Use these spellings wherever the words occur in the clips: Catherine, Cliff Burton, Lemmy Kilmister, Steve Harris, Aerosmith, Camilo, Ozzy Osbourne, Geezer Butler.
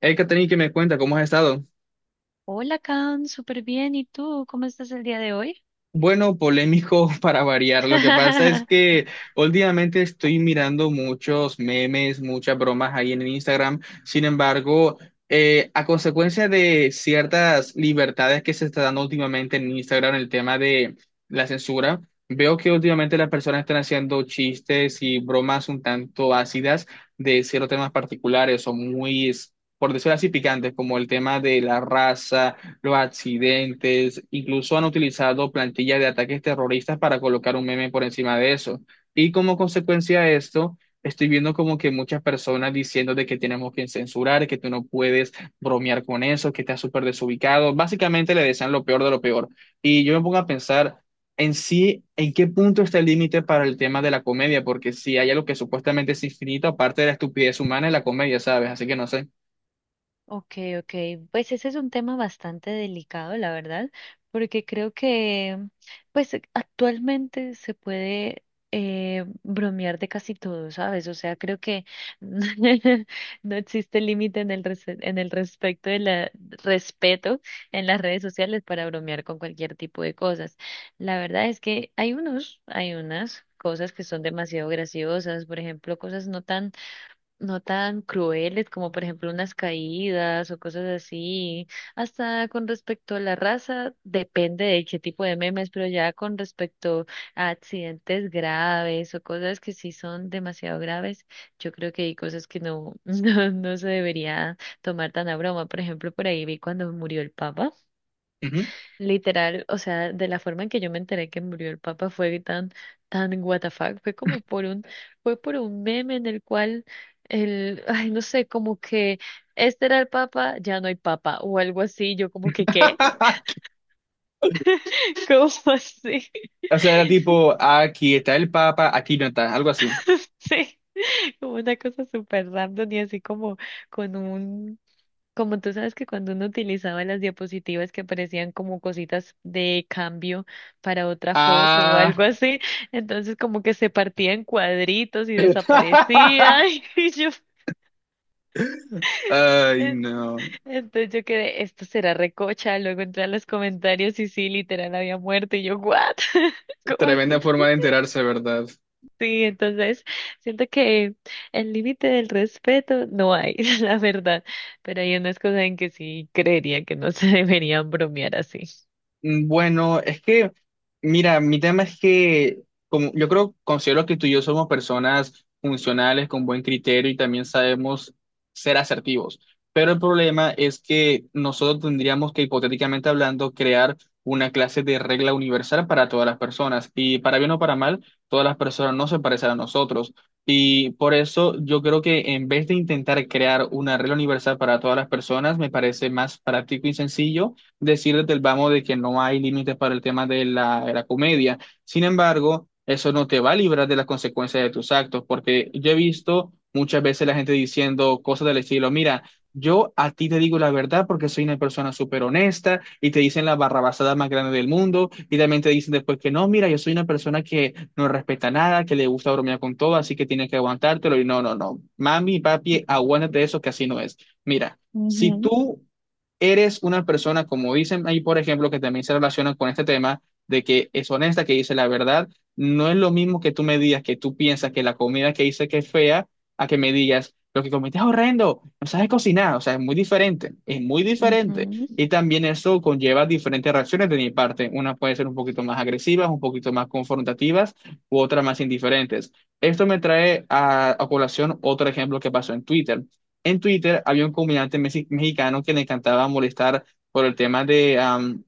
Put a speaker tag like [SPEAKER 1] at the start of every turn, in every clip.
[SPEAKER 1] Hey, Catherine, ¿que me cuenta? ¿Cómo has estado?
[SPEAKER 2] Hola, Can, súper bien. ¿Y tú? ¿Cómo estás el día de hoy?
[SPEAKER 1] Bueno, polémico para variar. Lo que pasa es que últimamente estoy mirando muchos memes, muchas bromas ahí en Instagram. Sin embargo, a consecuencia de ciertas libertades que se está dando últimamente en Instagram, el tema de la censura, veo que últimamente las personas están haciendo chistes y bromas un tanto ácidas de ciertos temas particulares o muy, por decirlo así, picantes, como el tema de la raza, los accidentes, incluso han utilizado plantillas de ataques terroristas para colocar un meme por encima de eso. Y como consecuencia de esto, estoy viendo como que muchas personas diciendo de que tenemos que censurar, que tú no puedes bromear con eso, que estás súper desubicado. Básicamente le desean lo peor de lo peor. Y yo me pongo a pensar en sí, en qué punto está el límite para el tema de la comedia, porque si hay algo que supuestamente es infinito, aparte de la estupidez humana, es la comedia, ¿sabes? Así que no sé.
[SPEAKER 2] Ok, ok. Pues ese es un tema bastante delicado, la verdad, porque creo que, pues actualmente se puede bromear de casi todo, ¿sabes? O sea, creo que no existe límite en el en el respecto de la respeto en las redes sociales para bromear con cualquier tipo de cosas. La verdad es que hay unos, hay unas cosas que son demasiado graciosas, por ejemplo, cosas no tan crueles como por ejemplo unas caídas o cosas así. Hasta con respecto a la raza, depende de qué tipo de memes, pero ya con respecto a accidentes graves o cosas que sí son demasiado graves, yo creo que hay cosas que no, no, no se debería tomar tan a broma. Por ejemplo, por ahí vi cuando murió el Papa.
[SPEAKER 1] Ujú.
[SPEAKER 2] Literal, o sea, de la forma en que yo me enteré que murió el Papa fue tan, tan what the fuck, fue como por fue por un meme en el cual el, ay, no sé, como que este era el Papa, ya no hay Papa, o algo así, yo como que, ¿qué? ¿Cómo así?
[SPEAKER 1] O sea, era tipo, aquí está el Papa, aquí no está, algo así.
[SPEAKER 2] Sí, como una cosa súper random y así como con un. Como tú sabes que cuando uno utilizaba las diapositivas que parecían como cositas de cambio para otra foto o
[SPEAKER 1] Ah.
[SPEAKER 2] algo así, entonces como que se partía en cuadritos y desaparecía. Y yo,
[SPEAKER 1] Ay,
[SPEAKER 2] en-
[SPEAKER 1] no.
[SPEAKER 2] entonces yo quedé, esto será recocha. Luego entré a los comentarios y sí, literal había muerto. Y yo, ¿what? ¿Cómo
[SPEAKER 1] Tremenda
[SPEAKER 2] así?
[SPEAKER 1] forma de enterarse, ¿verdad?
[SPEAKER 2] Sí, entonces siento que el límite del respeto no hay, la verdad. Pero hay unas cosas en que sí creería que no se deberían bromear así.
[SPEAKER 1] Mm, bueno, es que, mira, mi tema es que como, yo creo, considero que tú y yo somos personas funcionales, con buen criterio y también sabemos ser asertivos. Pero el problema es que nosotros tendríamos que, hipotéticamente hablando, crear una clase de regla universal para todas las personas. Y para bien o para mal, todas las personas no se parecen a nosotros. Y por eso yo creo que en vez de intentar crear una regla universal para todas las personas, me parece más práctico y sencillo decir desde el vamos de que no hay límites para el tema de la comedia. Sin embargo, eso no te va a librar de las consecuencias de tus actos, porque yo he visto muchas veces la gente diciendo cosas del estilo, mira, yo a ti te digo la verdad porque soy una persona súper honesta y te dicen la barrabasada más grande del mundo y también te dicen después que no, mira, yo soy una persona que no respeta nada, que le gusta bromear con todo, así que tienes que aguantártelo y no, no, no, mami, papi, aguántate eso que así no es. Mira, si
[SPEAKER 2] Ujú,
[SPEAKER 1] tú eres una persona, como dicen ahí, por ejemplo, que también se relaciona con este tema de que es honesta, que dice la verdad, no es lo mismo que tú me digas que tú piensas que la comida que hice que es fea, a que me digas lo que comiste es horrendo, no sabes cocinar, o sea, es muy diferente, es muy diferente.
[SPEAKER 2] ujú.
[SPEAKER 1] Y también eso conlleva diferentes reacciones de mi parte, una puede ser un poquito más agresivas, un poquito más confrontativas, u otras más indiferentes. Esto me trae a colación otro ejemplo que pasó en Twitter. En Twitter había un comediante mexicano que le encantaba molestar por el tema de,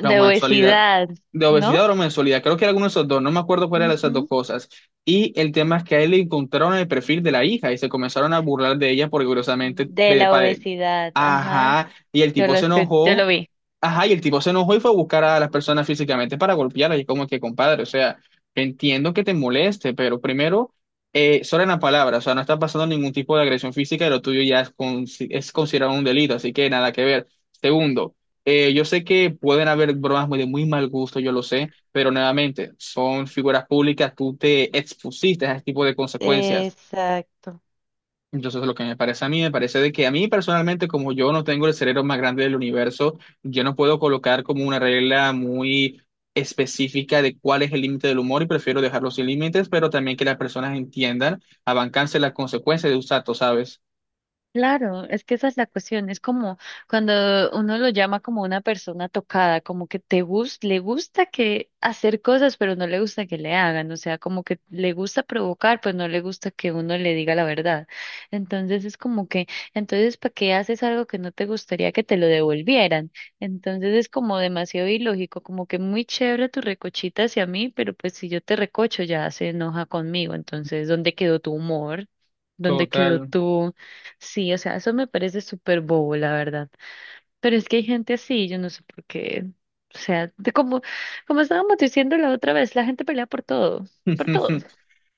[SPEAKER 1] la mensualidad.
[SPEAKER 2] obesidad,
[SPEAKER 1] De
[SPEAKER 2] ¿no?
[SPEAKER 1] obesidad o mensualidad. Creo que era alguno de esos dos. No me acuerdo cuál era de esas dos
[SPEAKER 2] Ujú.
[SPEAKER 1] cosas. Y el tema es que a él le encontraron el perfil de la hija y se comenzaron a burlar de ella porque curiosamente,
[SPEAKER 2] De la
[SPEAKER 1] pare-
[SPEAKER 2] obesidad, ajá.
[SPEAKER 1] Ajá. Y el
[SPEAKER 2] Yo
[SPEAKER 1] tipo se
[SPEAKER 2] yo lo
[SPEAKER 1] enojó.
[SPEAKER 2] vi.
[SPEAKER 1] Ajá. Y el tipo se enojó y fue a buscar a las personas físicamente para golpearla. Y como que, compadre, o sea, entiendo que te moleste, pero primero, solo en la palabra. O sea, no está pasando ningún tipo de agresión física y lo tuyo ya es, es considerado un delito. Así que nada que ver. Segundo. Yo sé que pueden haber bromas muy de muy mal gusto, yo lo sé, pero nuevamente, son figuras públicas, tú te expusiste a ese tipo de consecuencias.
[SPEAKER 2] Exacto.
[SPEAKER 1] Entonces, lo que me parece a mí, me parece de que a mí personalmente, como yo no tengo el cerebro más grande del universo, yo no puedo colocar como una regla muy específica de cuál es el límite del humor y prefiero dejarlo sin límites, pero también que las personas entiendan, abancarse las consecuencias de sus actos, ¿sabes?
[SPEAKER 2] Claro, es que esa es la cuestión, es como cuando uno lo llama como una persona tocada, como que le gusta que hacer cosas, pero no le gusta que le hagan, o sea, como que le gusta provocar, pues no le gusta que uno le diga la verdad. Entonces es como que, entonces, ¿para qué haces algo que no te gustaría que te lo devolvieran? Entonces es como demasiado ilógico, como que muy chévere tu recochita hacia mí, pero pues si yo te recocho ya se enoja conmigo, entonces, ¿dónde quedó tu humor? ¿Dónde quedó
[SPEAKER 1] Total.
[SPEAKER 2] tú? Sí, o sea, eso me parece súper bobo, la verdad. Pero es que hay gente así, yo no sé por qué. O sea, de como, como estábamos diciendo la otra vez, la gente pelea por todo, por todo.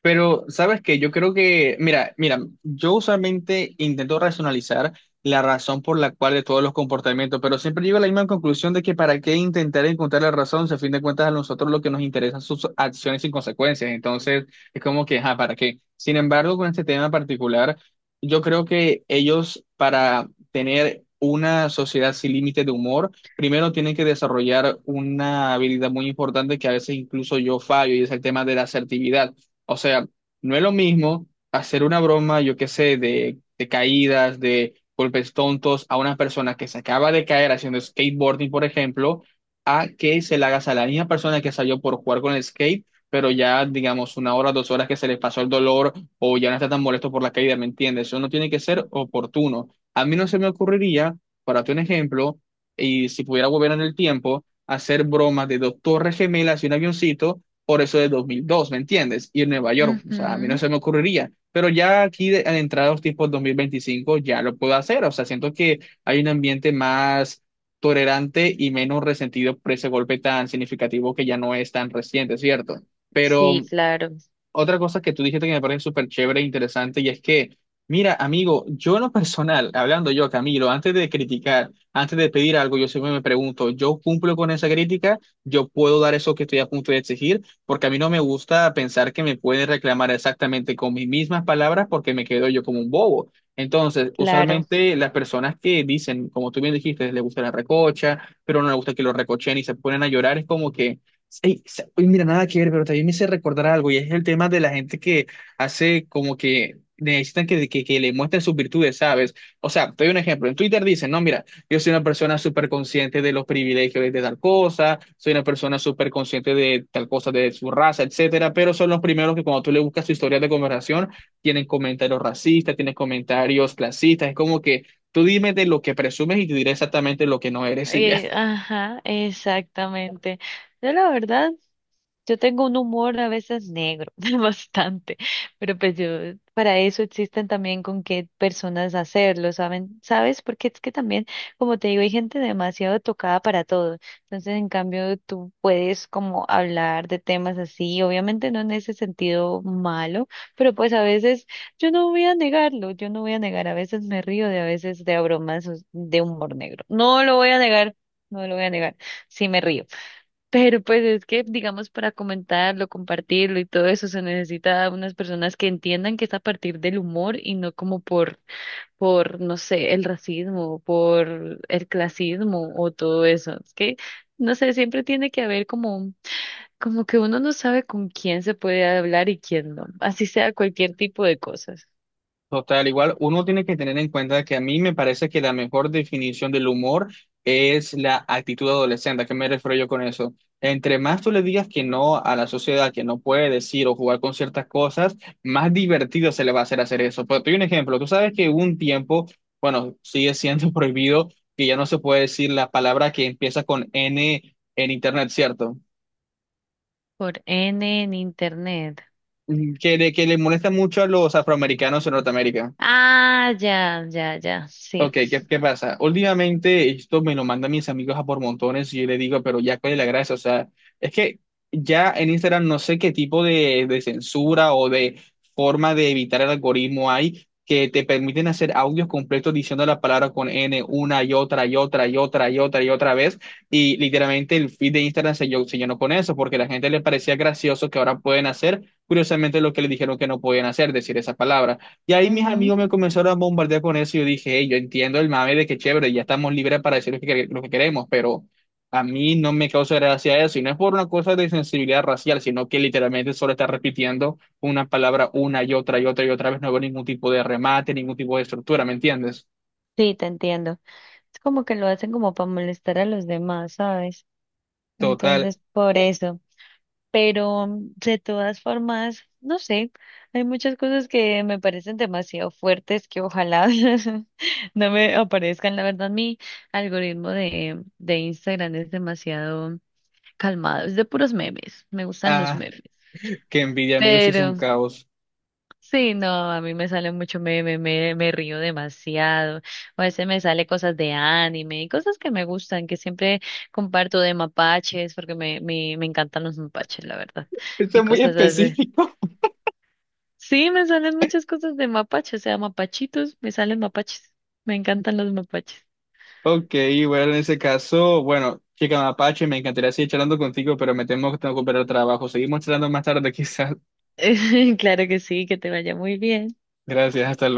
[SPEAKER 1] Pero, ¿sabes qué? Yo creo que, mira, mira, yo usualmente intento racionalizar la razón por la cual de todos los comportamientos, pero siempre llego a la misma conclusión de que para qué intentar encontrar la razón, si a fin de cuentas a nosotros lo que nos interesan son sus acciones y consecuencias, entonces es como que, ajá, ¿para qué? Sin embargo, con este tema en particular, yo creo que ellos para tener una sociedad sin límite de humor, primero tienen que desarrollar una habilidad muy importante que a veces incluso yo fallo y es el tema de la asertividad. O sea, no es lo mismo hacer una broma, yo qué sé, de caídas, de golpes tontos a una persona que se acaba de caer haciendo skateboarding, por ejemplo, a que se la hagas a la misma persona que salió por jugar con el skate, pero ya, digamos, una hora, dos horas que se le pasó el dolor o ya no está tan molesto por la caída, ¿me entiendes? Eso no tiene que ser oportuno. A mí no se me ocurriría, para tu ejemplo, y si pudiera volver en el tiempo, hacer bromas de dos torres gemelas y un avioncito por eso de 2002, ¿me entiendes? Y en Nueva York, o sea, a mí no
[SPEAKER 2] Ujú.
[SPEAKER 1] se me ocurriría, pero ya aquí de, al entrar a los tipos 2025 ya lo puedo hacer, o sea, siento que hay un ambiente más tolerante y menos resentido por ese golpe tan significativo que ya no es tan reciente, ¿cierto? Pero
[SPEAKER 2] Sí, claro,
[SPEAKER 1] otra cosa que tú dijiste que me parece súper chévere e interesante, y es que, mira, amigo, yo en lo personal, hablando yo, Camilo, antes de criticar, antes de pedir algo, yo siempre me pregunto, ¿yo cumplo con esa crítica? ¿Yo puedo dar eso que estoy a punto de exigir? Porque a mí no me gusta pensar que me pueden reclamar exactamente con mis mismas palabras porque me quedo yo como un bobo. Entonces,
[SPEAKER 2] claro.
[SPEAKER 1] usualmente las personas que dicen, como tú bien dijiste, les gusta la recocha, pero no les gusta que lo recochen y se ponen a llorar, es como que... Ey, uy, mira, nada que ver, pero también me hice recordar algo y es el tema de la gente que hace como que necesitan que le muestren sus virtudes, ¿sabes? O sea, te doy un ejemplo. En Twitter dicen, no, mira, yo soy una persona súper consciente de los privilegios de tal cosa, soy una persona súper consciente de tal cosa, de su raza, etcétera, pero son los primeros que cuando tú le buscas su historia de conversación, tienen comentarios racistas, tienen comentarios clasistas, es como que tú dime de lo que presumes y te diré exactamente lo que no eres y ya.
[SPEAKER 2] Ajá, exactamente. Yo la verdad. Yo tengo un humor a veces negro, bastante, pero pues yo, para eso existen también con qué personas hacerlo, ¿saben? ¿Sabes? Porque es que también, como te digo, hay gente demasiado tocada para todo. Entonces, en cambio, tú puedes como hablar de temas así, obviamente no en ese sentido malo, pero pues a veces yo no voy a negarlo, yo no voy a negar, a veces me río de a veces de bromas de humor negro. No lo voy a negar, no lo voy a negar, sí me río. Pero pues es que, digamos, para comentarlo, compartirlo y todo eso, se necesita unas personas que entiendan que es a partir del humor y no como por, no sé, el racismo, por el clasismo o todo eso. Es que, no sé, siempre tiene que haber como, como que uno no sabe con quién se puede hablar y quién no. Así sea cualquier tipo de cosas.
[SPEAKER 1] Total, igual uno tiene que tener en cuenta que a mí me parece que la mejor definición del humor es la actitud adolescente. ¿A qué me refiero yo con eso? Entre más tú le digas que no a la sociedad, que no puede decir o jugar con ciertas cosas, más divertido se le va a hacer hacer eso. Pero te doy un ejemplo. Tú sabes que hubo un tiempo, bueno, sigue siendo prohibido que ya no se puede decir la palabra que empieza con N en Internet, ¿cierto?
[SPEAKER 2] Por N en internet.
[SPEAKER 1] Mm, que le molesta mucho a los afroamericanos en Norteamérica.
[SPEAKER 2] Ah, ya, ya, ya,
[SPEAKER 1] Ok,
[SPEAKER 2] sí.
[SPEAKER 1] qué pasa? Últimamente esto me lo mandan mis amigos a por montones y yo le digo, pero ya cuál es la gracia, o sea, es que ya en Instagram no sé qué tipo de censura o de forma de evitar el algoritmo hay que te permiten hacer audios completos diciendo la palabra con N una y otra y otra y otra y otra y otra vez y literalmente el feed de Instagram se, se llenó con eso porque a la gente le parecía gracioso que ahora pueden hacer curiosamente lo que le dijeron que no podían hacer, decir esa palabra. Y ahí mis
[SPEAKER 2] Ujú.
[SPEAKER 1] amigos me comenzaron a bombardear con eso y yo dije, "Hey, yo entiendo el mame de que chévere, ya estamos libres para decir lo que, lo que queremos, pero a mí no me causa gracia eso. Y no es por una cosa de sensibilidad racial, sino que literalmente solo está repitiendo una palabra una y otra y otra y otra vez. No veo ningún tipo de remate, ningún tipo de estructura, ¿me entiendes?
[SPEAKER 2] Sí, te entiendo. Es como que lo hacen como para molestar a los demás, ¿sabes?
[SPEAKER 1] Total.
[SPEAKER 2] Entonces, por eso. Pero mm, de todas formas, no sé, hay muchas cosas que me parecen demasiado fuertes que ojalá no me aparezcan. La verdad, mi algoritmo de Instagram es demasiado calmado, es de puros memes, me gustan los
[SPEAKER 1] Ah,
[SPEAKER 2] memes.
[SPEAKER 1] qué envidia, amigos, si es un
[SPEAKER 2] Pero
[SPEAKER 1] caos.
[SPEAKER 2] sí, no, a mí me sale mucho, me río demasiado. A veces me sale cosas de anime y cosas que me gustan, que siempre comparto de mapaches, porque me encantan los mapaches, la verdad.
[SPEAKER 1] Esto
[SPEAKER 2] Y
[SPEAKER 1] es muy
[SPEAKER 2] cosas así.
[SPEAKER 1] específico.
[SPEAKER 2] Sí, me salen muchas cosas de mapaches, o sea, mapachitos, me salen mapaches. Me encantan los mapaches.
[SPEAKER 1] Ok, bueno, en ese caso, bueno, chica Mapache, me encantaría seguir charlando contigo, pero me temo que tengo que operar trabajo. Seguimos charlando más tarde, quizás.
[SPEAKER 2] Claro que sí, que te vaya muy bien.
[SPEAKER 1] Gracias, hasta luego.